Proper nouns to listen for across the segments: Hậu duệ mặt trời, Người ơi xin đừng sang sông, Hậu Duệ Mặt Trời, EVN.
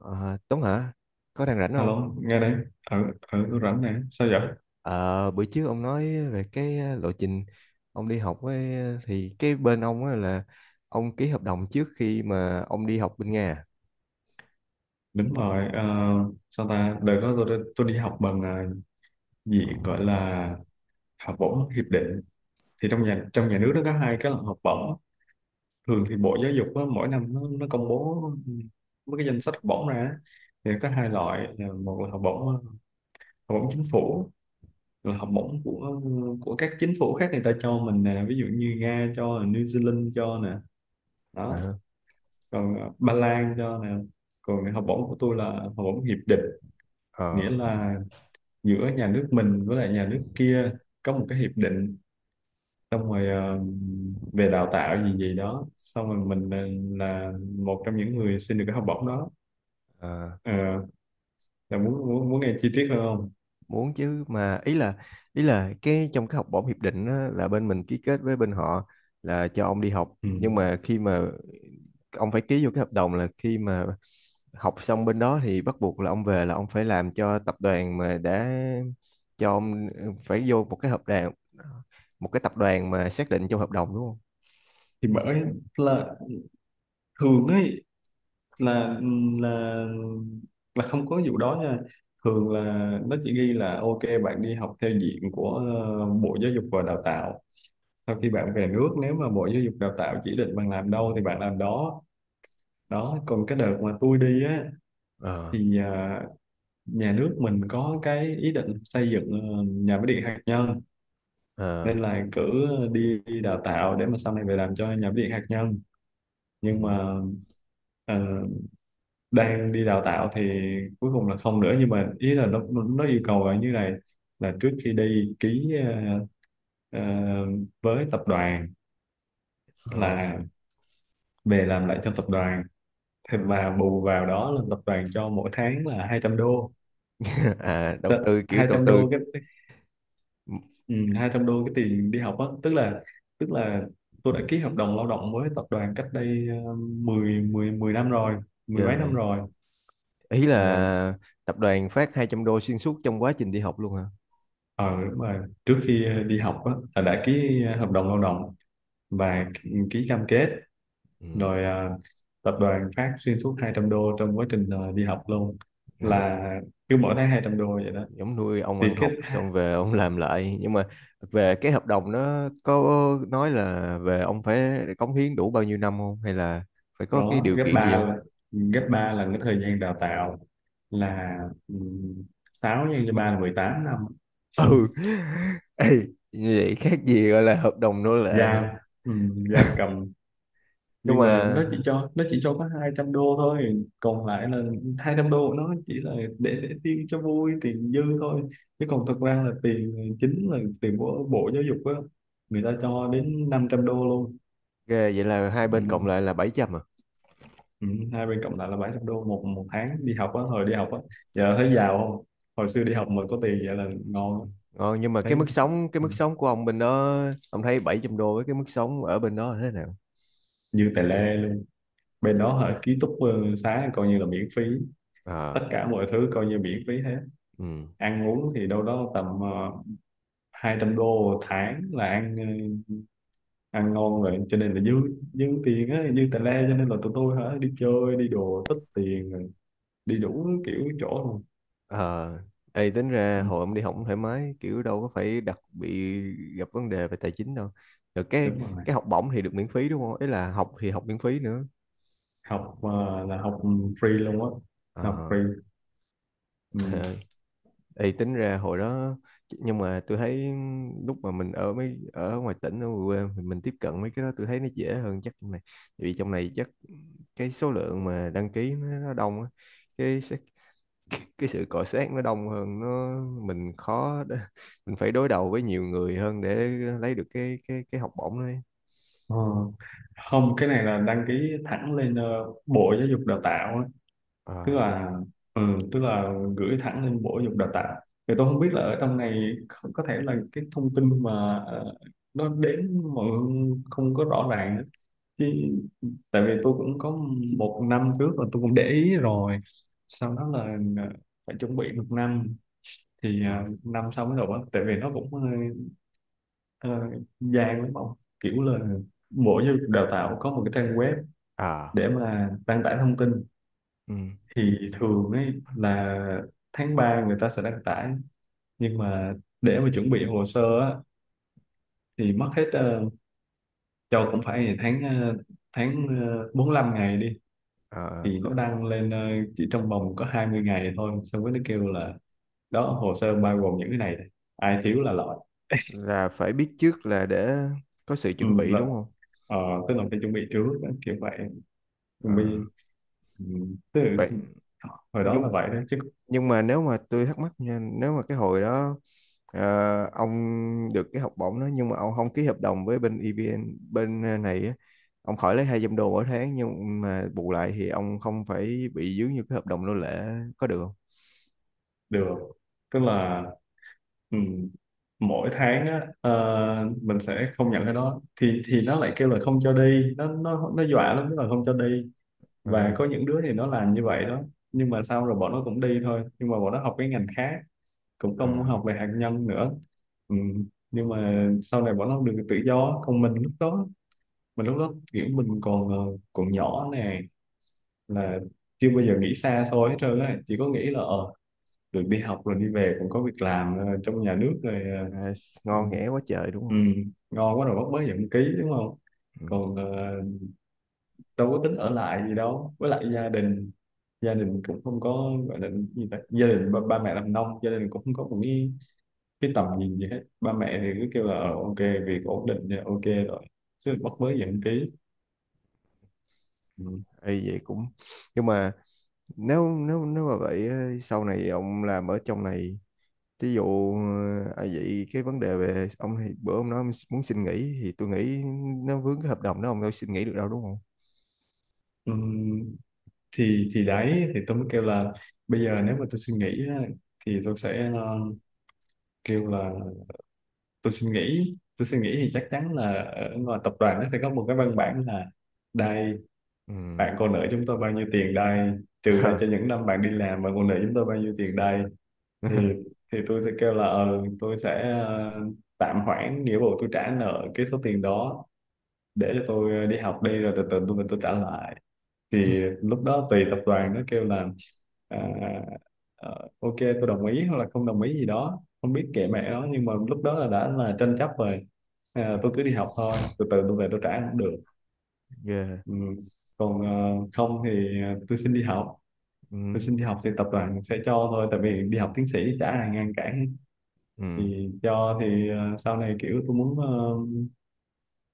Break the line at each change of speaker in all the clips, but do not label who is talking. Ờ, Tuấn hả? Có đang rảnh không?
Alo, nghe đây, ở ở tôi rảnh nè, sao vậy?
Ờ, bữa trước ông nói về cái lộ trình ông đi học ấy, thì cái bên ông á là ông ký hợp đồng trước khi mà ông đi học bên Nga.
Đúng rồi, sao ta? Đợt đó tôi đi học bằng gì gọi là học bổng hiệp định. Thì trong nhà nước nó có hai cái là học bổng. Thường thì Bộ Giáo dục á, mỗi năm nó công bố mấy cái danh sách học bổng ra. Thì có hai loại, là một là học bổng chính phủ, là học bổng của các chính phủ khác người ta cho mình nè, ví dụ như Nga cho, New Zealand cho nè.
À?
Đó,
Ờ,
còn Ba Lan cho nè, còn học bổng của tôi là học bổng hiệp định,
ờ,
nghĩa là giữa nhà nước mình với lại nhà nước kia có một cái hiệp định, xong rồi về đào tạo gì gì đó, xong rồi mình là một trong những người xin được cái học bổng đó.
ờ,
Ờ, là muốn muốn muốn nghe chi tiết hơn không?
muốn chứ mà ý là cái trong cái học bổng hiệp định á, là bên mình ký kết với bên họ, là cho ông đi học
Ừ.
nhưng mà khi mà ông phải ký vô cái hợp đồng là khi mà học xong bên đó thì bắt buộc là ông về là ông phải làm cho tập đoàn mà đã cho ông, phải vô một cái hợp đồng, một cái tập đoàn mà xác định trong hợp đồng, đúng không?
Thì bởi là thường ấy là ừ, là là không có vụ đó nha. Thường là nó chỉ ghi là ok, bạn đi học theo diện của Bộ Giáo dục và Đào tạo. Sau khi bạn về nước, nếu mà Bộ Giáo dục Đào tạo chỉ định bạn làm đâu thì bạn làm đó. Đó, còn cái đợt mà tôi đi á
Ờ.
thì nhà nước mình có cái ý định xây dựng nhà máy điện hạt nhân,
Ờ.
nên là cử đi đi đào tạo để mà sau này về làm cho nhà máy điện hạt nhân. Nhưng mà
Ừ.
ờ, đang đi đào tạo thì cuối cùng là không nữa. Nhưng mà ý là nó yêu cầu là như này, là trước khi đi ký ờ, ờ, với tập đoàn,
Ờ.
là về làm lại cho tập đoàn. Thì
Đó.
mà bù vào đó là tập đoàn cho mỗi tháng là 200 đô.
À, đầu tư kiểu đầu
200
tư,
đô cái ừ, 200 đô cái tiền đi học á, tức là, tức là tôi đã ký hợp đồng lao động với tập đoàn cách đây 10 năm rồi, mười
yeah,
mấy năm
vậy.
rồi.
Ý
À,
là tập đoàn phát 200 đô xuyên suốt trong quá trình đi học luôn hả?
ờ đúng rồi, trước khi đi học á là đã ký hợp đồng lao động
Ờ.
và ký cam kết
Ừ.
rồi. Ờ, Tập đoàn phát xuyên suốt 200 đô trong quá trình đi học luôn, là cứ mỗi tháng 200 đô vậy đó.
Giống nuôi ông
Thì
ăn
cái
học xong về ông làm lại, nhưng mà về cái hợp đồng nó có nói là về ông phải cống hiến đủ bao nhiêu năm không, hay là phải có cái
đó
điều
gấp
kiện gì
ba
không?
là, cái thời gian đào tạo, là um, 6 nhân cho 3 là 18 năm.
Ừ. Ê, như vậy khác gì gọi là hợp đồng nữa, là
Giam, giam cầm.
nhưng
Nhưng mà
mà
nó chỉ cho có 200 đô thôi, còn lại là 200 đô của nó chỉ là để tiêu cho vui, tiền dư thôi. Chứ còn thực ra là tiền chính là tiền của Bộ Giáo dục á, người ta cho đến 500 đô luôn.
ghê, vậy là hai bên
Ừ.
cộng lại là 700 à?
Ừ, hai bên cộng lại là 700 đô, một một tháng đi học á, hồi đi học á. Giờ thấy giàu không? Hồi xưa đi học mà có tiền vậy là ngon lắm.
Ngon, nhưng mà
Thấy
cái mức sống cái
ừ,
mức sống của ông bên đó, ông thấy 700 đô với cái mức sống ở bên đó là thế nào?
như tài lê luôn. Bên đó hả, ký túc xá coi như là miễn phí, tất
À.
cả mọi thứ coi như miễn phí hết.
Ừ.
Ăn uống thì đâu đó tầm 200 đô một tháng là ăn, ăn ngon rồi, cho nên là dư dư tiền á, dư tài lê, cho nên là tụi tôi hả, đi chơi đi đồ tích tiền rồi đi đủ kiểu chỗ luôn.
Ờ, ê, tính ra
ừ,
hồi ông đi học cũng thoải mái, kiểu đâu có phải đặc bị gặp vấn đề về tài chính đâu. Rồi cái
đúng rồi,
cái học bổng thì được miễn phí đúng không, ý là học thì học miễn phí nữa.
học là học, free luôn á, học
ờ
free. Ừ.
À, ê, tính ra hồi đó nhưng mà tôi thấy lúc mà mình ở mấy ở ngoài tỉnh, ở ngoài quê mình tiếp cận mấy cái đó tôi thấy nó dễ hơn, chắc trong này, tại vì trong này chắc cái số lượng mà đăng ký nó đông á, cái cái sự cọ xát nó đông hơn, nó mình khó để- mình phải đối đầu với nhiều người hơn để lấy được cái học bổng đấy.
Ờ. Không, cái này là đăng ký thẳng lên Bộ Giáo dục Đào tạo á. Tức
À.
là ừ, tức là gửi thẳng lên Bộ Giáo dục Đào tạo. Thì tôi không biết là ở trong này có thể là cái thông tin mà nó đến mọi người không có rõ ràng á. Chứ tại vì tôi cũng có một năm trước là tôi cũng để ý rồi. Sau đó là ờ, phải chuẩn bị một năm thì
À.
năm sau mới nộp á. Tại vì nó cũng ờ, vàng lắm ông, kiểu là mỗi giáo dục đào tạo có một cái trang web
À.
để mà đăng tải thông tin.
Ừ.
Thì thường ấy là tháng 3 người ta sẽ đăng tải, nhưng mà để mà chuẩn bị hồ sơ á thì mất hết, cho cũng phải 45 ngày đi.
À.
Thì
Có,
nó đăng lên chỉ trong vòng có 20 ngày thôi, xong rồi nó kêu là đó, hồ sơ bao gồm những cái này, ai thiếu là loại.
là phải biết trước là để có sự
ừ,
chuẩn bị
là,
đúng không?
ờ, tức là phải chuẩn bị trước á, kiểu vậy. Mình
À,
ừ, tức là
vậy
hồi đó là
nhưng
vậy đó chứ.
nhưng mà nếu mà tôi thắc mắc nha, nếu mà cái hồi đó, ông được cái học bổng đó nhưng mà ông không ký hợp đồng với bên EVN, bên này á. Ông khỏi lấy 200 đô mỗi tháng nhưng mà bù lại thì ông không phải bị dướng như cái hợp đồng nô lệ, có được không?
Được, tức là ừ, mỗi tháng á, mình sẽ không nhận cái đó, thì nó lại kêu là không cho đi. Nó dọa lắm, tức là không cho đi.
Ờ.
Và có những đứa thì nó làm như vậy đó. Nhưng mà sau rồi bọn nó cũng đi thôi, nhưng mà bọn nó học cái ngành khác, cũng không
À.
học về hạt nhân nữa. Ừ. Nhưng mà sau này bọn nó được tự do, còn mình lúc đó, kiểu mình còn nhỏ nè, là chưa bao giờ nghĩ xa xôi hết trơn á, chỉ có nghĩ là được đi học rồi đi về cũng có việc làm trong nhà nước rồi,
À,
ừ,
ngon nghẻ quá trời đúng
ừ,
không?
ngon quá rồi, bắt mới nhận ký đúng không?
Ừ.
Còn đâu có tính ở lại gì đâu. Với lại gia đình, cũng không có gọi là gì ta, gia đình ba mẹ làm nông, gia đình cũng không có một cái tầm nhìn gì hết. Ba mẹ thì cứ kêu là ok, việc ổn định thì ok rồi, chứ bắt mới nhận ký. Ừ.
Ê, vậy cũng nhưng mà nếu nếu nếu mà vậy á, sau này ông làm ở trong này, ví dụ à, vậy cái vấn đề về ông thì bữa ông nói ông muốn xin nghỉ thì tôi nghĩ nó vướng cái hợp đồng đó, ông đâu xin nghỉ được đâu đúng không?
Ừ. Thì đấy, thì tôi mới kêu là bây giờ nếu mà tôi suy nghĩ á, thì tôi sẽ kêu là, tôi suy nghĩ thì chắc chắn là ở ngoài tập đoàn nó sẽ có một cái văn bản là đây,
Ừ.
bạn còn nợ chúng tôi bao nhiêu tiền đây, trừ ra cho những năm bạn đi làm, bạn còn nợ chúng tôi bao nhiêu tiền đây. thì thì tôi sẽ kêu là tôi sẽ tạm hoãn nghĩa vụ tôi trả nợ cái số tiền đó, để cho tôi đi học đi, rồi từ từ tôi trả lại. Thì lúc đó tùy tập đoàn nó kêu là à, ok, tôi đồng ý hoặc là không đồng ý gì đó không biết, kệ mẹ nó. Nhưng mà lúc đó là đã là tranh chấp rồi. Tôi cứ đi học thôi, từ từ tôi về tôi trả cũng được.
Ghê.
Ừ. Còn không thì
Ừ.
tôi xin đi học thì tập đoàn sẽ cho thôi, tại vì đi học tiến sĩ chả ai ngăn cản.
Ừ.
Thì cho, thì sau này kiểu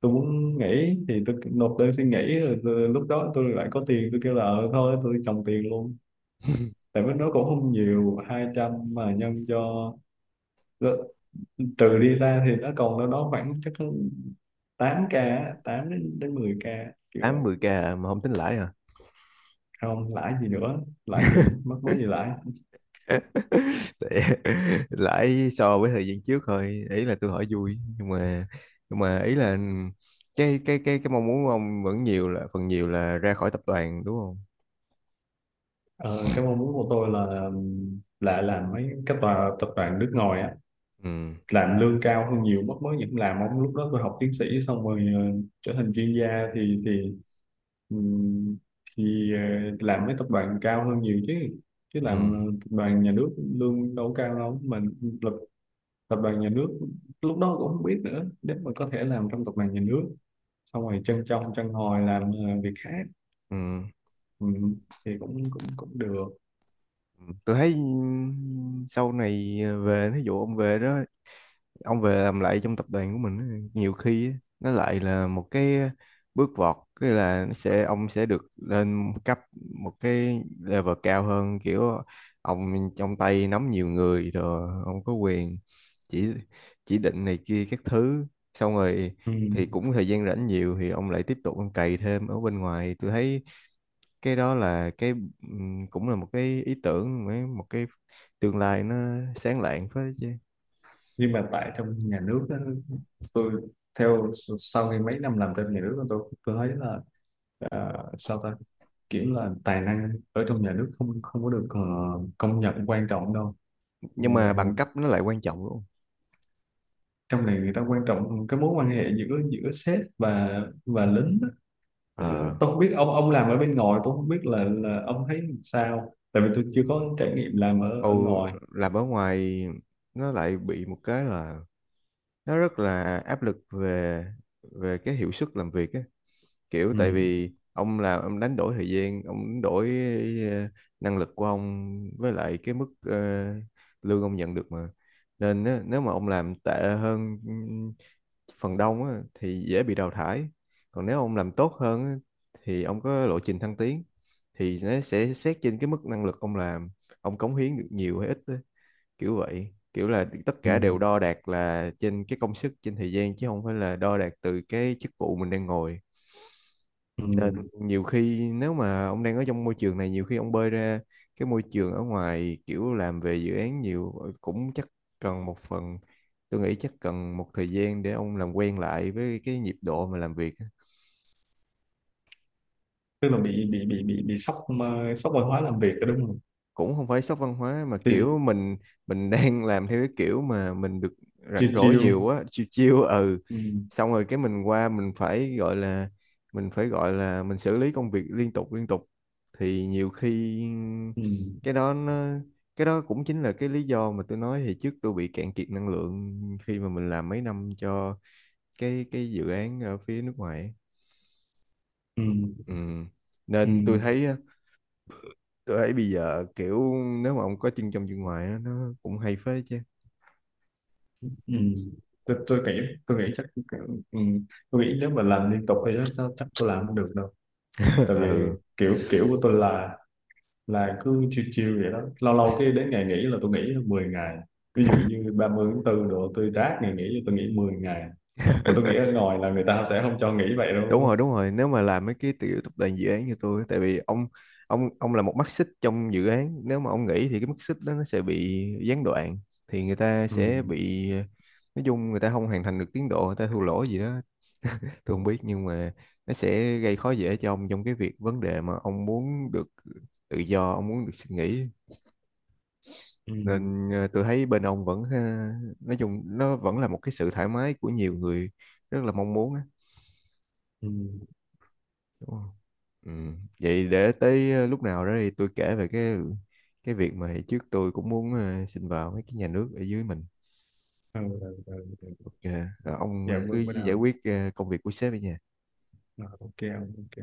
tôi muốn nghỉ thì tôi nộp đơn xin nghỉ. Rồi lúc đó tôi lại có tiền, tôi kêu là ừ, thôi tôi trồng tiền luôn. Tại vì nó cũng không nhiều, 200 mà nhân cho, trừ đi ra thì nó còn đâu đó khoảng chắc 8k á, 8 đến đến 10k, kiểu
8
vậy.
10K à, mà không tính lãi à?
Không lãi gì nữa, lãi gì, mất mấy gì lãi.
Tại- lãi so với thời gian trước thôi, ý là tôi hỏi vui nhưng mà ý là cái mong muốn của ông vẫn nhiều là phần nhiều là ra khỏi tập đoàn đúng không?
Ờ, cái mong muốn của tôi là làm mấy cái tòa tập đoàn nước ngoài á,
Ừ.
làm lương cao hơn nhiều. Mất mới những làm ông, lúc đó tôi học tiến sĩ xong rồi trở thành chuyên gia thì, Ừ, thì ờ, làm mấy tập đoàn cao hơn nhiều chứ chứ
Ừ.
làm tập đoàn nhà nước lương đâu có cao đâu mà. Lập tập đoàn nhà nước, lúc đó cũng không biết nữa. Nếu mà có thể làm trong tập đoàn nhà nước xong rồi chân trong chân hồi làm việc khác,
Ừ.
ừ, thì cũng cũng cũng được.
Tôi thấy, ừ, sau này về, ví dụ ông về đó, ông về làm lại trong tập đoàn của mình á, nhiều khi á, nó lại là một cái bước vọt, cái là nó sẽ ông sẽ được lên cấp một cái level cao hơn, kiểu ông trong tay nắm nhiều người rồi ông có quyền chỉ chỉ định này kia các thứ, xong rồi
Ừ.
thì cũng thời gian rảnh nhiều thì ông lại tiếp tục ông cày thêm ở bên ngoài, tôi thấy cái đó là cái, cũng là một cái ý tưởng, một cái tương lai nó sáng lạng phết chứ.
Nhưng mà tại trong nhà nước á, tôi theo, sau khi mấy năm làm trong nhà nước tôi thấy là sao ta, kiểu là tài năng ở trong nhà nước không không có được công nhận quan trọng đâu. Ừ,
Nhưng mà bằng cấp nó lại quan trọng.
trong này người ta quan trọng cái mối quan hệ giữa giữa sếp và lính á. Ờ,
Ờ.
tôi không biết ông, làm ở bên ngoài, tôi không biết là ông thấy sao, tại vì tôi chưa
Ừ.
có trải nghiệm làm ở ở
Âu,
ngoài.
làm ở ngoài nó lại bị một cái là nó rất là áp lực về về cái hiệu suất làm việc á. Kiểu
Ừ.
tại vì ông làm ông đánh đổi thời gian, ông đánh đổi ờ, năng lực của ông với lại cái mức, lương ông nhận được mà. Nên á, nếu mà ông làm tệ hơn phần đông á, thì dễ bị đào thải, còn nếu ông làm tốt hơn á, thì ông có lộ trình thăng tiến, thì nó sẽ xét trên cái mức năng lực ông làm, ông cống hiến được nhiều hay ít á, kiểu vậy, kiểu là tất
Ừ.
cả đều đo đạc là trên cái công sức, trên thời gian, chứ không phải là đo đạc từ cái chức vụ mình đang ngồi. Nên
Ừ.
nhiều khi nếu mà ông đang ở trong môi trường này, nhiều khi ông bơi ra cái môi trường ở ngoài kiểu làm về dự án nhiều, cũng chắc cần một phần, tôi nghĩ chắc cần một thời gian để ông làm quen lại với cái nhịp độ mà làm việc.
Tức là bị sốc, sốc văn hóa làm việc đó đúng không?
Cũng không phải sốc văn hóa, mà kiểu
Thì
mình đang làm theo cái kiểu mà mình được
chiêu
rảnh rỗi
chiêu,
nhiều quá, chiêu chiêu, ừ,
ừ,
xong rồi cái mình qua mình phải gọi là, mình phải gọi là mình xử lý công việc liên tục liên tục, thì nhiều khi
ừ,
cái đó nó cái đó cũng chính là cái lý do mà tôi nói thì trước tôi bị cạn kiệt năng lượng khi mà mình làm mấy năm cho cái dự án ở phía nước ngoài ấy.
ừ,
Ừ.
ừ,
Nên tôi thấy, tôi thấy bây giờ kiểu nếu mà ông có chân trong chân ngoài á, nó cũng hay phết chứ.
ừ. Tôi nghĩ chắc, ừ, tôi nghĩ nếu mà làm liên tục thì chắc chắc chắc tôi làm không được đâu. Tại vì
Ừ.
kiểu, của tôi là, cứ chiêu chiêu vậy đó. Lâu lâu cái đến ngày nghỉ là tôi nghỉ 10 ngày, ví dụ như ba mươi tháng 4 độ tôi rác ngày nghỉ tôi nghỉ 10 ngày. Mà tôi nghĩ ở ngoài là người ta sẽ không cho nghỉ vậy đâu đúng
Đúng rồi,
không?
đúng rồi, nếu mà làm mấy cái tiểu tập đoàn dự án như tôi á, tại vì ông là một mắt xích trong dự án, nếu mà ông nghỉ thì cái mắt xích đó nó sẽ bị gián đoạn, thì người ta
Ừ.
sẽ bị, nói chung người ta không hoàn thành được tiến độ, người ta thua lỗ gì đó tôi không biết, nhưng mà nó sẽ gây khó dễ cho ông trong cái việc vấn đề mà ông muốn được tự do, ông muốn được suy nghĩ,
Ừ.
nên tôi thấy bên ông vẫn, nói chung nó vẫn là một cái sự thoải mái của nhiều người rất là mong muốn á,
Ừ.
đúng không? Ừ. Vậy để tới lúc nào đó thì tôi kể về cái việc mà hồi trước tôi cũng muốn xin vào mấy cái nhà nước ở dưới mình.
Ừ. Ừ. Ừ.
Ok.
Ừ.
Ông,
Dạ,
cứ
bữa bữa
giải
nào.
quyết công việc của sếp ở nhà.
Ờ, ok, ok.